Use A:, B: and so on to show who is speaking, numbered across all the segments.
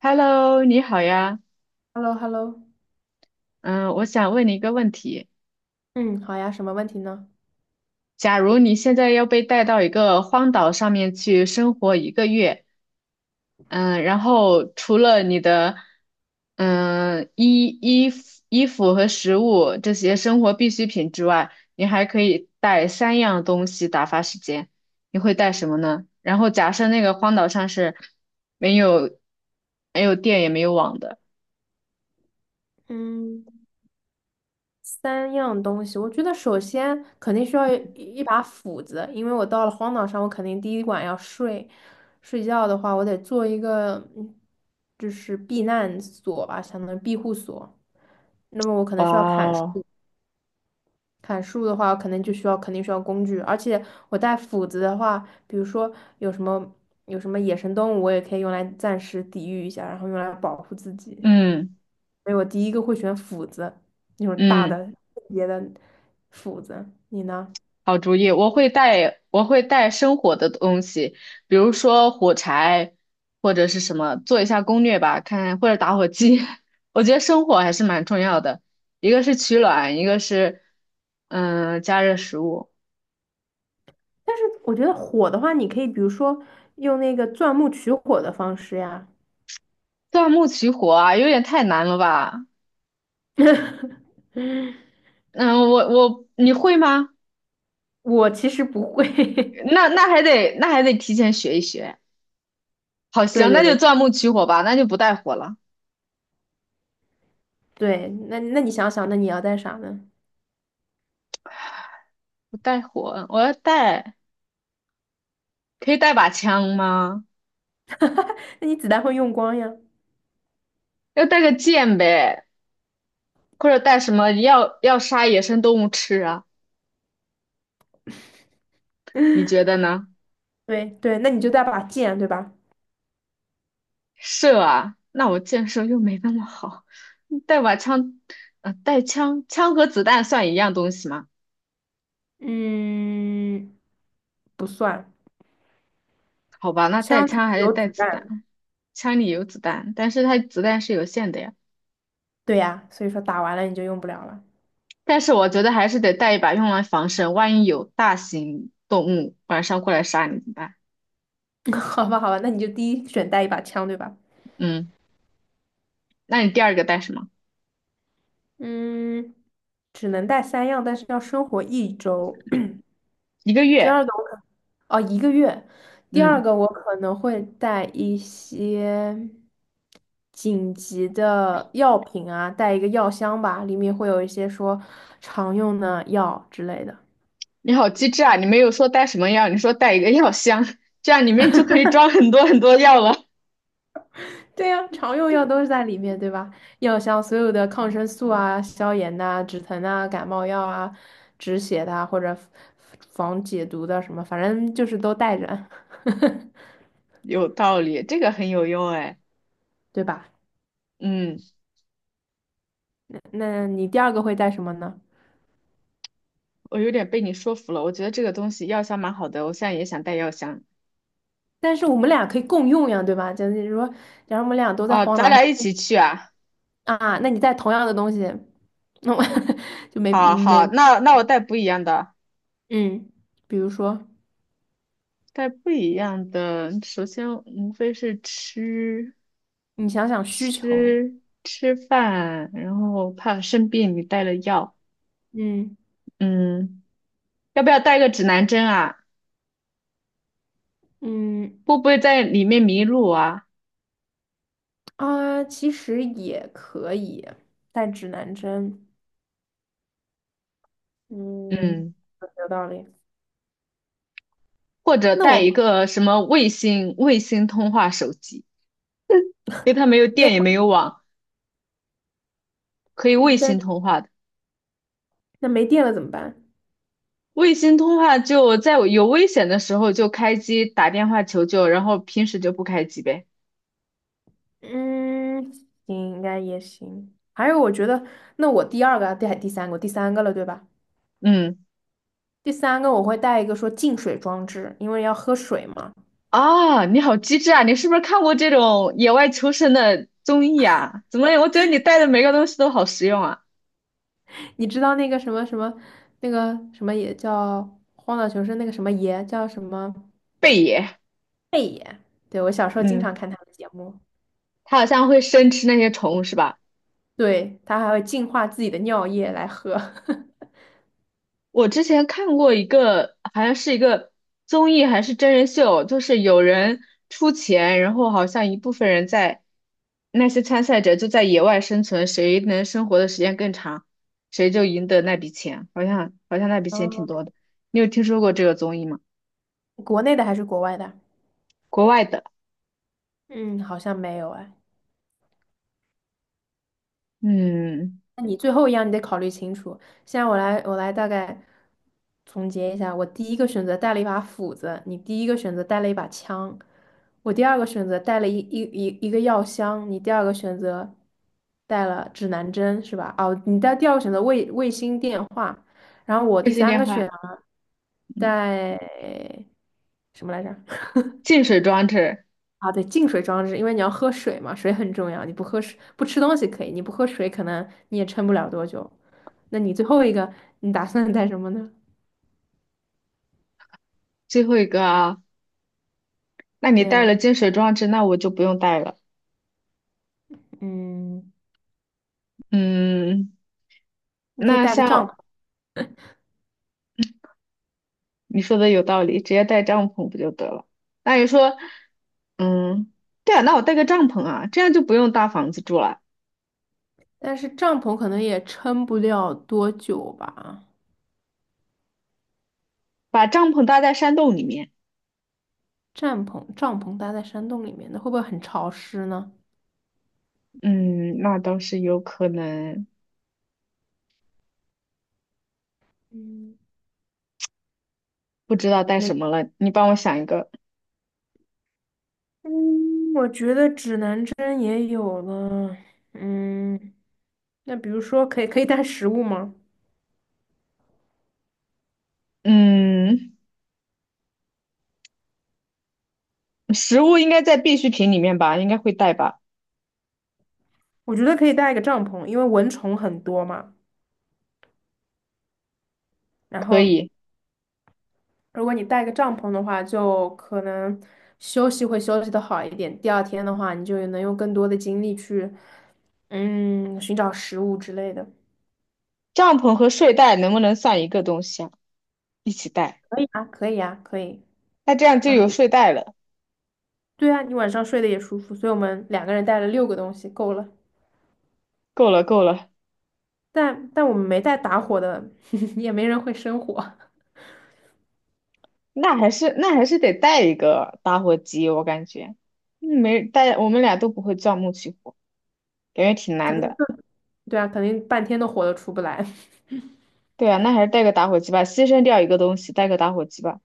A: Hello，你好呀。
B: Hello hello
A: 嗯，我想问你一个问题：
B: 嗯，好呀，什么问题呢？
A: 假如你现在要被带到一个荒岛上面去生活一个月，嗯，然后除了你的衣服和食物这些生活必需品之外，你还可以带三样东西打发时间，你会带什么呢？然后假设那个荒岛上是没有没有电也没有网的。
B: 嗯，三样东西，我觉得首先肯定需要一把斧子，因为我到了荒岛上，我肯定第一晚要睡。睡觉的话，我得做一个就是避难所吧，相当于庇护所。那么我可
A: 哇
B: 能需要砍树，
A: 哦，
B: 砍树的话，可能就需要肯定需要工具，而且我带斧子的话，比如说有什么有什么野生动物，我也可以用来暂时抵御一下，然后用来保护自己。
A: 嗯
B: 所以我第一个会选斧子，那种大的
A: 嗯。
B: 特别的斧子。你呢？
A: 好主意，我会带生火的东西，比如说火柴或者是什么，做一下攻略吧，看或者打火机。我觉得生火还是蛮重要的，一个是取暖，一个是加热食物。
B: 但是我觉得火的话，你可以比如说用那个钻木取火的方式呀。
A: 钻木取火啊，有点太难了吧？嗯，我你会吗？
B: 我其实不会。
A: 那还得提前学一学。好，
B: 对
A: 行，那
B: 对
A: 就
B: 对
A: 钻木取火吧，那就不带火了，
B: 对，那你想想，那你要带啥呢？
A: 不带火，我要带，可以带把枪吗？
B: 那你子弹会用光呀。
A: 要带个剑呗。或者带什么要杀野生动物吃啊？你 觉得呢？
B: 对对，那你就带把剑，对吧？
A: 射啊，那我箭射又没那么好，带把枪，带枪，枪和子弹算一样东西吗？
B: 嗯，不算，
A: 好吧，那带
B: 枪可
A: 枪
B: 以
A: 还得
B: 有
A: 带
B: 子
A: 子弹，
B: 弹。
A: 枪里有子弹，但是它子弹是有限的呀。
B: 对呀，所以说打完了你就用不了了。
A: 但是我觉得还是得带一把用来防身，万一有大型动物晚上过来杀你怎么办？
B: 好吧，好吧，那你就第一选带一把枪，对吧？
A: 嗯，那你第二个带什么？
B: 嗯，只能带三样，但是要生活一周。
A: 一个
B: 第
A: 月，
B: 二个我可，哦，一个月。第二
A: 嗯。
B: 个我可能会带一些紧急的药品啊，带一个药箱吧，里面会有一些说常用的药之类的。
A: 你好机智啊！你没有说带什么药，你说带一个药箱，这样里面就可以装很多很多药了。
B: 对呀，常用药都是在里面，对吧？药箱所有的抗生素啊、消炎呐、止疼啊、感冒药啊、止血的啊或者防解毒的什么，反正就是都带着，
A: 有道理，这个很有用哎。
B: 对吧？
A: 嗯，
B: 那你第二个会带什么呢？
A: 我有点被你说服了，我觉得这个东西药箱蛮好的，我现在也想带药箱。
B: 但是我们俩可以共用呀，对吧？就是说，假如我们俩都在
A: 哦，
B: 荒
A: 咱
B: 岛上
A: 俩一起去啊！
B: 啊，那你带同样的东西，那我 就没
A: 好
B: 没
A: 好，那我带不一样的，
B: 嗯，比如说
A: 带不一样的。首先无非是吃
B: 你想想需求，
A: 吃吃饭，然后怕生病，你带了药。
B: 嗯
A: 嗯，要不要带个指南针啊？
B: 嗯。
A: 会不会在里面迷路啊？
B: 啊，其实也可以带指南针。
A: 嗯，
B: 嗯，有道理。
A: 或者
B: 那
A: 带
B: 我
A: 一个什么卫星通话手机，因为它没有电也
B: 那
A: 没有网，可以卫星
B: 那
A: 通话的。
B: 那没电了怎么办？
A: 卫星通话就在我有危险的时候就开机打电话求救，然后平时就不开机呗。
B: 嗯，行，应该也行。还有，我觉得那我第三个了，对吧？
A: 嗯，
B: 第三个我会带一个说净水装置，因为要喝水嘛。
A: 啊，你好机智啊！你是不是看过这种野外求生的综艺啊？怎么，我觉得你带的每个东西都好实用啊。
B: 你知道那个什么那个什么也叫荒岛求生那个什么爷叫什么？
A: 贝爷，
B: 对，我小时候经常
A: 嗯，
B: 看他的节目。
A: 他好像会生吃那些虫是吧？
B: 对，它还会净化自己的尿液来喝。
A: 我之前看过一个，好像是一个综艺还是真人秀，就是有人出钱，然后好像一部分人在那些参赛者就在野外生存，谁能生活的时间更长，谁就赢得那笔钱。好像那笔钱挺多
B: 哦，
A: 的，你有听说过这个综艺吗？
B: 国内的还是国外的？
A: 国外的，
B: 嗯，好像没有哎。
A: 嗯，
B: 那你最后一样你得考虑清楚。现在我来大概总结一下：我第一个选择带了一把斧子，你第一个选择带了一把枪，我第二个选择带了一个药箱，你第二个选择带了指南针是吧？哦，你带第二个选择卫星电话，然后我
A: 卫
B: 第
A: 星
B: 三
A: 电
B: 个选
A: 话，
B: 择
A: 嗯，
B: 带什么来着？
A: 净水装置，
B: 啊，对，净水装置，因为你要喝水嘛，水很重要。你不喝水，不吃东西可以，你不喝水，可能你也撑不了多久。那你最后一个，你打算带什么呢？
A: 最后一个啊，那你
B: 对
A: 带了
B: 啊，
A: 净水装置，那我就不用带了，
B: 嗯，
A: 嗯，
B: 你可以
A: 那
B: 带个帐
A: 像。
B: 篷，
A: 你说的有道理，直接带帐篷不就得了？那你说，嗯，对啊，那我带个帐篷啊，这样就不用搭房子住了，
B: 但是帐篷可能也撑不了多久吧。
A: 把帐篷搭在山洞里面。
B: 帐篷搭在山洞里面，那会不会很潮湿呢？
A: 嗯，那倒是有可能，
B: 嗯
A: 不知道带
B: 那
A: 什么了，你帮我想一个。
B: 嗯，我觉得指南针也有了。嗯，那比如说可以带食物吗？
A: 嗯，食物应该在必需品里面吧，应该会带吧？
B: 我觉得可以带一个帐篷，因为蚊虫很多嘛。然
A: 可
B: 后，
A: 以，
B: 如果你带个帐篷的话，就可能休息的好一点。第二天的话，你就能用更多的精力去，寻找食物之类的。
A: 帐篷和睡袋能不能算一个东西啊？一起带，
B: 可以啊，可以啊，可以。
A: 那这样就
B: 然后，
A: 有睡袋了，
B: 对啊，你晚上睡得也舒服，所以我们两个人带了六个东西，够了。
A: 够了够了。
B: 但我们没带打火的，也没人会生火，
A: 那还是得带一个打火机，我感觉，没带，我们俩都不会钻木取火，感觉挺
B: 可
A: 难
B: 能
A: 的。
B: 对啊，肯定半天的火都出不来。
A: 对啊，那还是带个打火机吧，牺牲掉一个东西，带个打火机吧。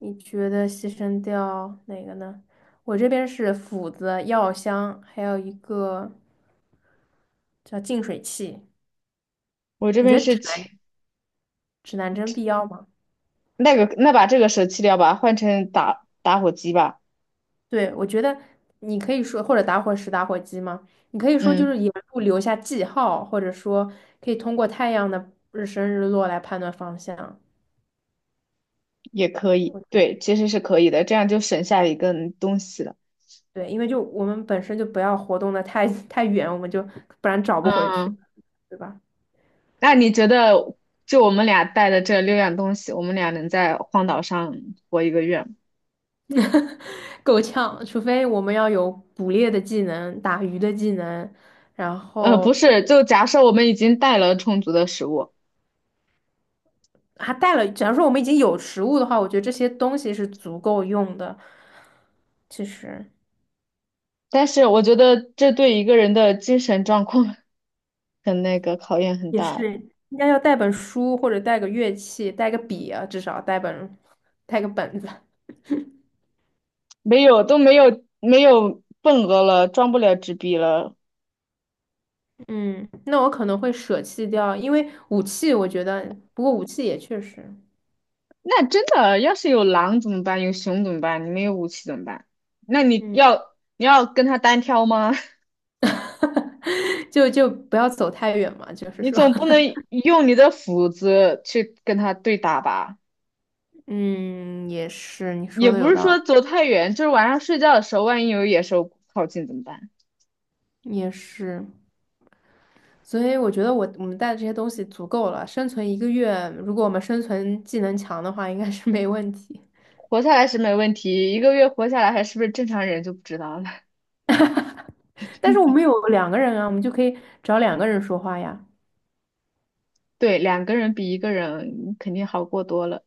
B: 你觉得牺牲掉哪个呢？我这边是斧子、药箱，还有一个叫净水器。
A: 我这
B: 你
A: 边
B: 觉得
A: 是
B: 指
A: 切
B: 南指南针必要吗？
A: 那个，那把这个舍弃掉吧，换成打火机吧。
B: 对，我觉得你可以说，或者打火石、打火机吗？你可以说就是
A: 嗯，
B: 沿路留下记号，或者说可以通过太阳的日升日落来判断方向。
A: 也可以，
B: 我
A: 对，其实是可以的，这样就省下一个东西了。
B: 对，因为就我们本身就不要活动的太远，我们就不然找不回去了，
A: 嗯，
B: 对吧？
A: 那你觉得，就我们俩带的这六样东西，我们俩能在荒岛上活一个月吗？
B: 够呛，除非我们要有捕猎的技能、打鱼的技能，然
A: 不
B: 后
A: 是，就假设我们已经带了充足的食物，
B: 还带了。假如说我们已经有食物的话，我觉得这些东西是足够用的。其实
A: 但是我觉得这对一个人的精神状况 很那个考验很
B: 也
A: 大，
B: 是应该要带本书或者带个乐器，带个笔啊，至少带个本子。
A: 没有都没有没有份额了，装不了纸币了。
B: 嗯，那我可能会舍弃掉，因为武器我觉得，不过武器也确实，
A: 那真的，要是有狼怎么办？有熊怎么办？你没有武器怎么办？那你
B: 嗯，
A: 要你要跟他单挑吗？
B: 就不要走太远嘛，就 是
A: 你
B: 说。
A: 总不 能用你的斧子去跟他对打吧？
B: 嗯，也是，你
A: 也
B: 说的
A: 不
B: 有
A: 是说
B: 道
A: 走太远，就是晚上睡觉的时候，万一有野兽靠近怎么办？
B: 理，也是。所以我觉得我们带的这些东西足够了，生存一个月，如果我们生存技能强的话，应该是没问题。
A: 活下来是没问题，一个月活下来还是不是正常人就不知道了。
B: 但是我们有两个人啊，我们就可以找两个人说话呀。
A: 对，两个人比一个人肯定好过多了。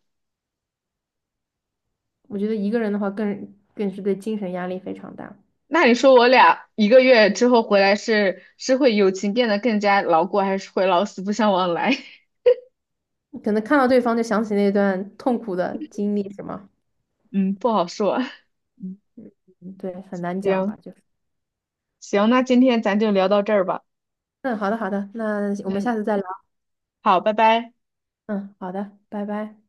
B: 我觉得一个人的话更是对精神压力非常大，
A: 那你说我俩一个月之后回来是会友情变得更加牢固，还是会老死不相往来？
B: 可能看到对方就想起那段痛苦的经历，是吗？
A: 嗯，不好说。嗯，
B: 嗯对，很难讲
A: 行
B: 吧，就是
A: 行，那今天咱就聊到这儿吧。
B: 嗯，好的好的，那我们下
A: 嗯，
B: 次再聊。
A: 好，拜拜。
B: 嗯，好的，拜拜。